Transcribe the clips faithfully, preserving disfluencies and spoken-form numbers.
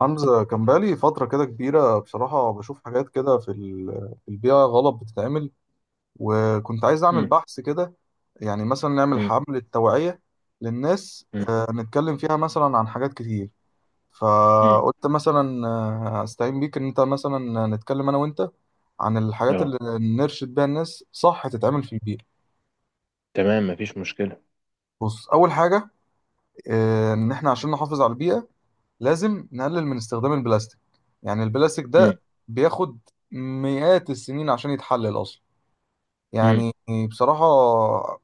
حمزة، كان بقالي فترة كده كبيرة. بصراحة بشوف حاجات كده في ال- في البيئة غلط بتتعمل، وكنت عايز أعمل مم. بحث كده. يعني مثلا نعمل مم. حملة توعية للناس، مم. آه، نتكلم فيها مثلا عن حاجات كتير. مم. فقلت مثلا آه، أستعين بيك إن أنت مثلا نتكلم أنا وأنت عن الحاجات اه. اللي نرشد بيها الناس صح تتعمل في البيئة. تمام، مفيش مشكلة. بص، أول حاجة، آه، إن إحنا عشان نحافظ على البيئة لازم نقلل من استخدام البلاستيك. يعني البلاستيك مم. ده بياخد مئات السنين عشان يتحلل أصلا. مم. يعني بصراحة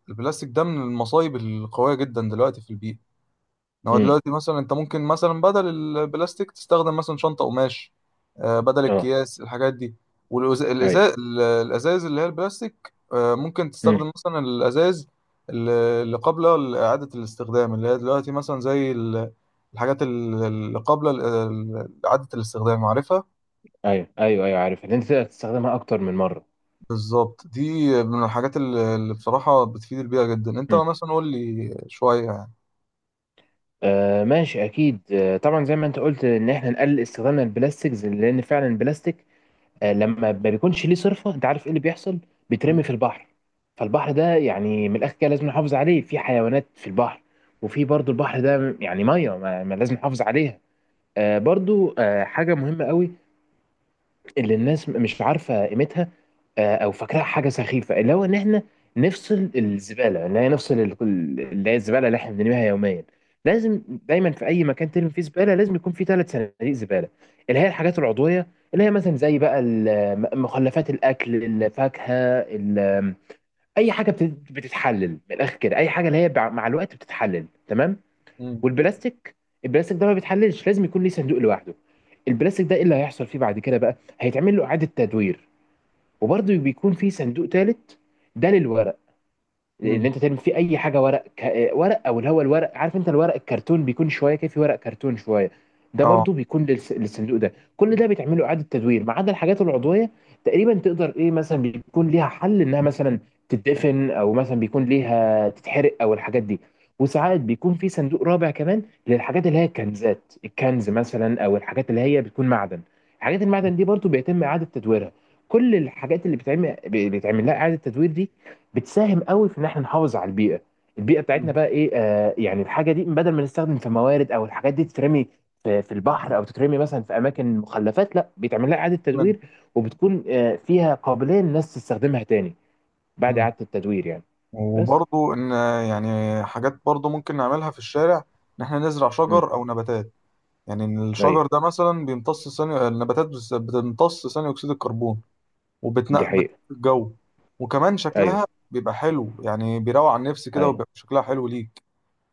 البلاستيك ده من المصايب القوية جدا دلوقتي في البيئة. هو مم. دلوقتي مثلا انت ممكن مثلا بدل البلاستيك تستخدم مثلا شنطة قماش، آه، بدل اه. الأكياس الحاجات دي، ايوه. والازاز. الازاز اللي هي البلاستيك، آه، ممكن مم. تستخدم مثلا الازاز اللي اللي قبل إعادة الاستخدام، اللي هي دلوقتي مثلا زي ال- الحاجات ال- اللي قبل ال- ال- إعادة الاستخدام، عارفها. ايوه ايوه ايوه، عارف ان انت تقدر تستخدمها اكتر من مرة. بالظبط، دي من الحاجات اللي اللي بصراحة بتفيد البيئة جدا. انت مم. مثلا قول لي شوية يعني. آه ماشي، اكيد. آه طبعا، زي ما انت قلت ان احنا نقلل استخدامنا للبلاستيكز، لان فعلا البلاستيك آه لما ما بيكونش ليه صرفة، انت عارف ايه اللي بيحصل؟ مم. بيترمي في البحر. فالبحر ده يعني من الاخر كده لازم نحافظ عليه، في حيوانات في البحر، وفي برضو البحر ده يعني ميه ما ما لازم نحافظ عليها. آه برضو، آه حاجة مهمة قوي اللي الناس مش عارفه قيمتها، آه، او فاكراها حاجه سخيفه، اللي هو ان احنا نفصل الزباله، اللي هي نفصل ال- اللي هي الزباله اللي احنا بنرميها يوميا. لازم دايما في اي مكان ترمي فيه زباله لازم يكون فيه ثلاث صناديق زباله. اللي هي الحاجات العضويه، اللي هي مثلا زي بقى ال- مخلفات الاكل، الفاكهه، ال- اي حاجه بت- بتتحلل من الاخر كده، اي حاجه اللي هي بع- مع الوقت بتتحلل، تمام. مم. والبلاستيك، البلاستيك ده ما بيتحللش، لازم يكون ليه صندوق لوحده. البلاستيك ده ايه اللي هيحصل فيه بعد كده؟ بقى هيتعمل له اعاده تدوير. وبرضه بيكون فيه صندوق ثالث، ده للورق، ان مم. انت تعمل فيه اي حاجه ورق. ك... ورق او اللي هو الورق، عارف انت الورق الكرتون، بيكون شويه كده في ورق كرتون شويه، ده اه. برضو بيكون للس... للصندوق ده. كل ده بيتعمل له اعاده تدوير ما عدا الحاجات العضويه، تقريبا تقدر ايه مثلا بيكون ليها حل انها مثلا تتدفن، او مثلا بيكون ليها تتحرق، او الحاجات دي. وساعات بيكون في صندوق رابع كمان، للحاجات اللي هي الكنزات، الكنز مثلا، او الحاجات اللي هي بتكون معدن. حاجات المعدن دي برضو بيتم اعاده تدويرها. كل الحاجات اللي بتعمل بيتعمل لها اعاده تدوير دي بتساهم قوي في ان احنا نحافظ على البيئه. البيئه بتاعتنا مم. بقى ايه، آه يعني الحاجه دي بدل ما نستخدم في موارد، او الحاجات دي تترمي في, في البحر، او تترمي مثلا في اماكن مخلفات، لا بيتعمل لها اعاده من- تدوير، وبتكون آه فيها قابليه للناس تستخدمها تاني، بعد مم. اعاده التدوير يعني. بس. وبرضو ان، يعني حاجات برضو ممكن نعملها في الشارع، ان احنا نزرع امم. شجر او نباتات. يعني ان ايوه، الشجر ده مثلا بيمتص ثاني النباتات بس- بتمتص ثاني اكسيد الكربون، دي وبتنقبت حقيقه. الجو، وكمان شكلها ايوه بيبقى حلو، يعني بيروق على النفس كده، ايوه وبيبقى شكلها حلو ليك.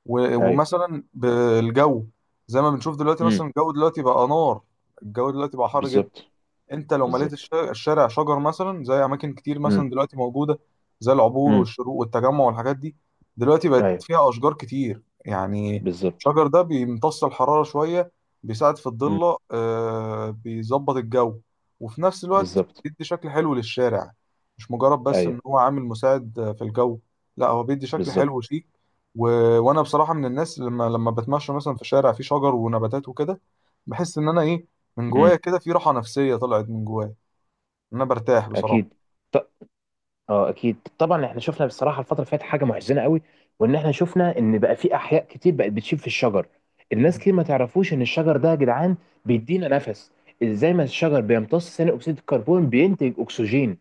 و- ايوه. ومثلا بالجو، زي ما بنشوف دلوقتي، امم. مثلا الجو دلوقتي بقى نار، الجو دلوقتي بقى حر جدا. بالظبط. انت لو مليت الش- بالظبط. الشارع شجر مثلا زي اماكن كتير امم. مثلا دلوقتي موجوده، زي العبور امم. والشروق والتجمع والحاجات دي. دلوقتي بقت ايوه. فيها اشجار كتير يعني. بالظبط. الشجر ده بيمتص الحراره شويه، بيساعد في امم. الضله، آه بيظبط الجو، وفي نفس الوقت بالظبط. بيدي شكل حلو للشارع. مش مجرد بس ان ايوه. هو عامل مساعد آه، في الجو، لا، هو بيدي شكل حلو بالظبط. وشيك. و... وانا بصراحه من الناس، لما لما بتمشى مثلا في شارع فيه شجر ونباتات وكده، بحس ان انا ايه، من جوايا امم. كده في راحة نفسية طلعت من جوايا، إن أنا برتاح بصراحة. اكيد. اه اكيد، طبعا. احنا شفنا بصراحه الفتره اللي فاتت حاجه محزنه قوي، وان احنا شفنا ان بقى في احياء كتير بقت بتشيب في الشجر. الناس كتير ما تعرفوش ان الشجر ده يا جدعان بيدينا نفس. ازاي؟ ما الشجر بيمتص ثاني اكسيد الكربون بينتج اكسجين.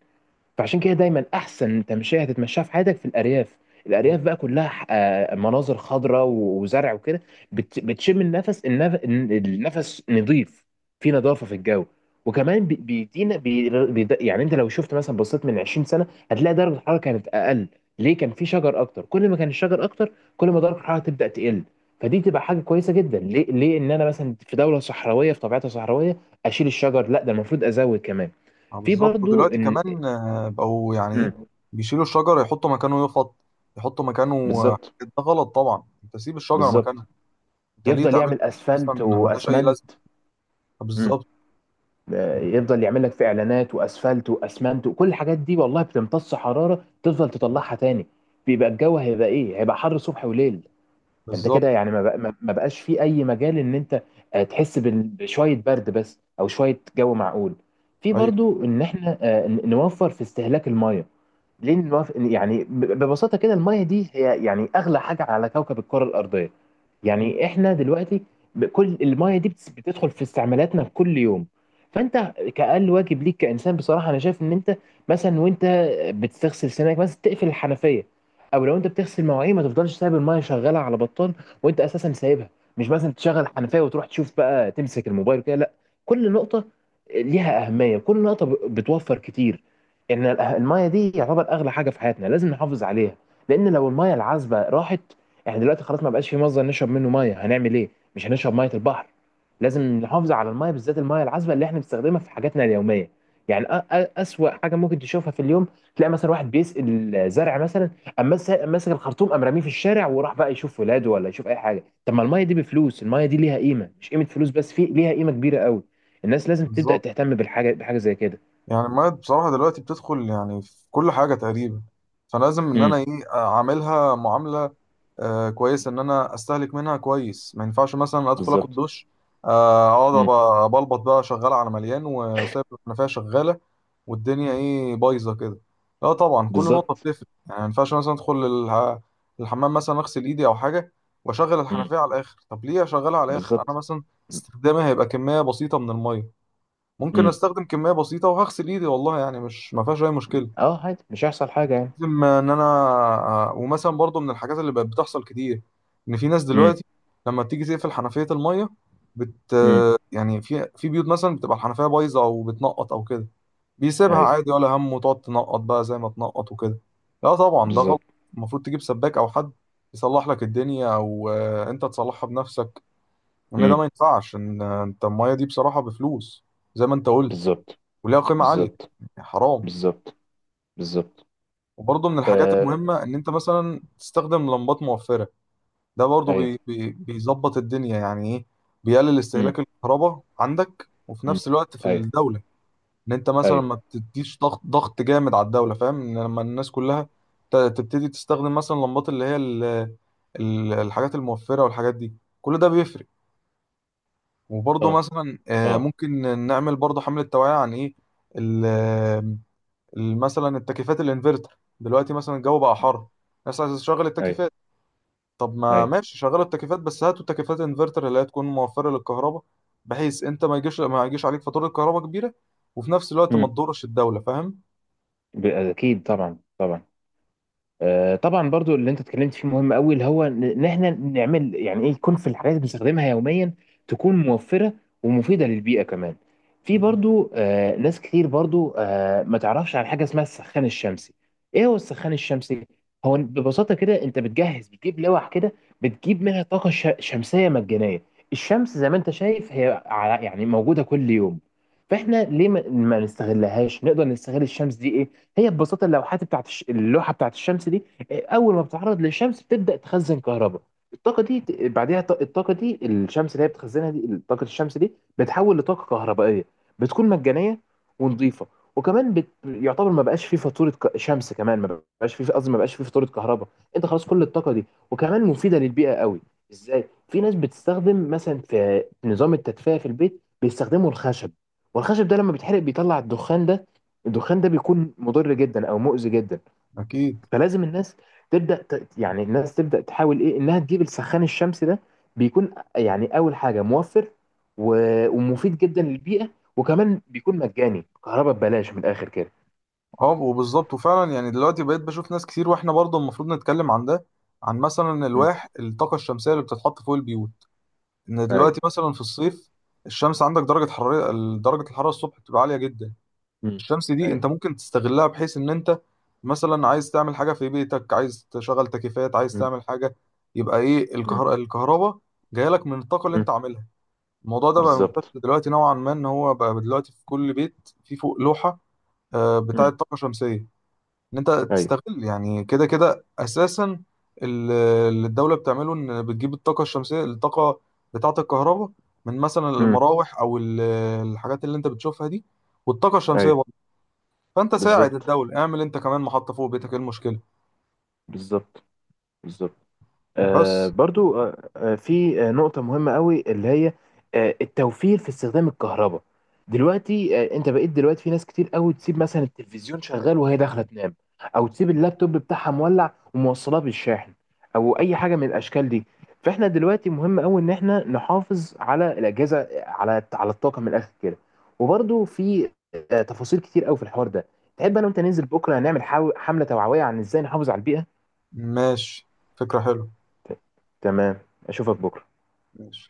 فعشان كده دايما احسن تمشيه هتتمشاها في حياتك في الارياف، مم. الارياف بقى كلها ح- آه، مناظر خضراء و- وزرع وكده، بت- بتشم النفس، النف- النفس نظيف، في نظافه في الجو. وكمان بي- بيدينا بي- بيد- يعني انت لو شفت مثلا بصيت من عشرين سنه هتلاقي درجه الحراره كانت اقل. ليه؟ كان في شجر اكتر، كل ما كان الشجر اكتر كل ما درجه الحراره تبدا تقل. فدي تبقى حاجه كويسه جدا. ليه ليه ان انا مثلا في دوله صحراويه، في طبيعتها صحراويه، اشيل الشجر؟ لا ده المفروض ازود كمان. آه، في بالظبط. برضو ودلوقتي ان. كمان، آه، بقوا يعني إيه، مم. بيشيلوا الشجرة، يحطوا مكانه يفط يحطوا مكانه. آه، بالظبط. ده غلط طبعا. أنت سيب الشجرة بالظبط. مكانها. أنت ليه يفضل تعمل يعمل مثلا، اسفلت ملهاش أي لازمة. واسمنت. آه، مم. بالظبط. آه، يفضل يعمل لك في اعلانات واسفلت واسمنت وكل الحاجات دي والله، بتمتص حراره تفضل تطلعها تاني. بيبقى الجو هيبقى ايه، هيبقى حر صبح وليل. فانت بالظبط. كده يعني ما بق- ما- ما بقاش في اي مجال ان انت آه، تحس بال- بشويه برد بس، او شويه جو معقول. في أيوه. برضو ان احنا آه، ن- نوفر في استهلاك الميه. ليه المف... يعني ب- ببساطة كده؟ المية دي هي يعني أغلى حاجة على كوكب الكرة الأرضية، مم. يعني إحنا دلوقتي ب- كل المية دي بتس- بتدخل في استعمالاتنا في كل يوم. فأنت كأقل واجب ليك كإنسان بصراحة أنا شايف إن أنت مثلا وأنت بتغسل سنانك مثلا تقفل الحنفية، أو لو أنت بتغسل مواعين ما تفضلش سايب المية شغالة على بطال وأنت أساسا سايبها، مش مثلا تشغل الحنفية وتروح تشوف بقى تمسك الموبايل كده، لا. كل نقطة ليها أهمية، كل نقطة ب- بتوفر كتير. ان ال- المايه دي يعتبر اغلى حاجه في حياتنا لازم نحافظ عليها، لان لو المايه العذبه راحت احنا دلوقتي خلاص ما بقاش في مصدر نشرب منه مايه، هنعمل ايه؟ مش هنشرب ميه البحر. لازم نحافظ على المايه، بالذات المايه العذبه اللي احنا بنستخدمها في حاجاتنا اليوميه. يعني أ- أ- اسوأ حاجه ممكن تشوفها في اليوم تلاقي مثلا واحد بيسقي الزرع مثلا، اما مس- ماسك الخرطوم قام راميه في الشارع وراح بقى يشوف ولاده ولا يشوف اي حاجه. طب ما المايه دي بفلوس، المايه دي ليها قيمه، مش قيمه فلوس بس، في ليها قيمه كبيره قوي. الناس لازم تبدا بالظبط. تهتم بالحاجه، بحاجه زي كده. يعني المية بصراحة دلوقتي بتدخل يعني في كل حاجة تقريبا، فلازم إن أنا امم. إيه، أعاملها معاملة آه كويس، ان انا استهلك منها كويس. ما ينفعش مثلا ادخل اخد بالظبط. دش، آه، اقعد أبقى- بلبط بقى شغال على مليان وسايب الحنفيه شغاله، والدنيا ايه، بايظه كده. لا طبعا، كل نقطه بالظبط. بتفرق. يعني ما ينفعش مثلا ادخل الح- الحمام مثلا، اغسل ايدي او حاجه، واشغل امم. الحنفيه على الاخر. طب ليه اشغلها على الاخر؟ انا بالظبط. مثلا استخدامها هيبقى كميه بسيطه من الميه. ممكن امم. استخدم كميه بسيطه وهغسل ايدي والله، يعني مش ما فيهاش اي مشكله. اه، عادي، مش هيحصل حاجة يعني. لازم ان انا، ومثلا برضو من الحاجات اللي بقت بتحصل كتير، ان في ناس امم. دلوقتي لما بتيجي تقفل حنفية المية بت امم. يعني، في في بيوت مثلا بتبقى الحنفية بايظة او بتنقط او كده، بيسيبها ايوه. عادي ولا هم، وتقعد تنقط بقى زي ما تنقط وكده. لا طبعا ده غلط. بالظبط. المفروض تجيب سباك او حد يصلح لك الدنيا، او آه، انت تصلحها بنفسك. ان ده ما امم. ينفعش، ان آه، انت المية دي بصراحة بفلوس، زي ما انت قلت، بالظبط. وليها قيمة عالية، بالظبط. يعني حرام. بالظبط. بالظبط. وبرضه من الحاجات آه. المهمة إن أنت مثلا تستخدم لمبات موفرة. ده برضه ايوه. بي بي بيظبط الدنيا يعني إيه، بيقلل امم. استهلاك الكهرباء عندك وفي امم. نفس الوقت في ايوه. الدولة. إن أنت مثلا ايوه. ما بتديش ضغط ضغط جامد على الدولة، فاهم؟ إن لما الناس كلها ت- تبتدي تستخدم مثلا لمبات اللي هي ال- ال- الحاجات الموفرة والحاجات دي، كل ده بيفرق. وبرضه اه. مثلا، آه، اه. ممكن نعمل برضه حملة توعية عن إيه، ال- مثلا التكييفات الانفرتر. دلوقتي مثلا الجو بقى حر، الناس عايزه تشغل ايوه. التكييفات. طب ما ايوه. ماشي، شغل التكييفات بس هاتوا تكييفات انفرتر اللي هي تكون موفره للكهرباء، بحيث انت ما يجيش ما يجيش عليك فاتوره كهرباء كبيره، وفي نفس الوقت ما امم. تضرش الدوله، فاهم؟ ب- اكيد، طبعا طبعا. آه، طبعا برضو اللي انت اتكلمت فيه مهم قوي، اللي هو ان إن احنا نعمل يعني ايه يكون في الحاجات اللي بنستخدمها يوميا تكون موفره ومفيده للبيئه كمان. في مم. برضو آه، ناس كتير برضو آه، ما تعرفش عن حاجه اسمها السخان الشمسي. ايه هو السخان الشمسي؟ هو ببساطه كده انت بتجهز، بتجيب لوح كده بتجيب منها طاقه ش- شمسيه مجانيه. الشمس زي ما انت شايف هي على- يعني موجوده كل يوم، فاحنا ليه ما ما نستغلهاش، نقدر نستغل الشمس دي. ايه هي ببساطه اللوحات بتاعت الش... اللوحه بتاعت الشمس دي؟ إيه، اول ما بتتعرض للشمس بتبدا تخزن كهرباء. الطاقه دي ت- بعدها الط- الطاقه دي الشمس اللي هي بتخزنها دي طاقه الشمس دي بتحول لطاقه كهربائيه، بتكون مجانيه ونظيفه. وكمان بت... يعتبر ما بقاش فيه فاتوره ك... شمس كمان، ما بقاش فيه، قصدي ما بقاش فيه فاتوره كهرباء. انت خلاص كل الطاقه دي، وكمان مفيده للبيئه قوي. ازاي؟ في ناس بتستخدم مثلا في نظام التدفئه في البيت بيستخدموا الخشب، والخشب ده لما بيتحرق بيطلع الدخان ده، الدخان ده بيكون مضر جدا او مؤذي جدا. اكيد. فلازم الناس تبدا ت... يعني الناس تبدا تحاول ايه انها تجيب السخان الشمسي ده. بيكون يعني اول حاجه موفر، و... ومفيد جدا للبيئه، وكمان بيكون مجاني، كهرباء ببلاش من الاخر كده. اه، وبالظبط وفعلا، يعني دلوقتي بقيت بشوف ناس كتير، واحنا برضه المفروض نتكلم عن ده، عن مثلا امم. الواح الطاقه الشمسيه اللي بتتحط فوق البيوت. ان دلوقتي ايوه. مثلا في الصيف، الشمس عندك درجه حراره درجه الحراره الصبح بتبقى عاليه جدا. امم. الشمس دي ايوه. انت ممكن تستغلها، بحيث ان انت مثلا عايز تعمل حاجه في بيتك، عايز تشغل تكييفات، عايز امم. تعمل حاجه، يبقى ايه، امم. الكهر... الكهرباء جايه لك من الطاقه اللي أمم. انت عاملها. الموضوع ده بقى بالظبط. منتشر دلوقتي نوعا ما، ان هو بقى دلوقتي في كل بيت في فوق لوحه آه، بتاعه امم. طاقه شمسيه، ان انت ايوه. تستغل يعني كده كده اساسا. ال- اللي الدوله بتعمله ان بتجيب الطاقه الشمسيه، الطاقه بتاعه الكهرباء، من مثلا امم. المراوح او ال- الحاجات اللي انت بتشوفها دي، والطاقه الشمسيه. ايوه. فانت ساعد بالظبط. الدولة، اعمل انت كمان محطة فوق بيتك، ايه المشكلة؟ بالظبط. بالظبط. آه، بس برضو آه، آه، في آه، نقطة مهمة قوي اللي هي آه، التوفير في استخدام الكهرباء. دلوقتي آه، انت بقيت دلوقتي في ناس كتير قوي تسيب مثلا التلفزيون شغال وهي داخلة تنام، او تسيب اللابتوب بتاعها مولع وموصلاه بالشاحن، او اي حاجة من الاشكال دي. فاحنا دلوقتي مهم قوي ان احنا نحافظ على الاجهزة، على على الطاقة من الاخر كده. وبرضو في آه، تفاصيل كتير قوي في الحوار ده. تحب انا وانت ننزل بكرة نعمل حاو- حملة توعوية عن ازاي نحافظ على البيئة؟ ماشي، فكرة حلوة. ت- تمام، اشوفك بكرة. ماشي.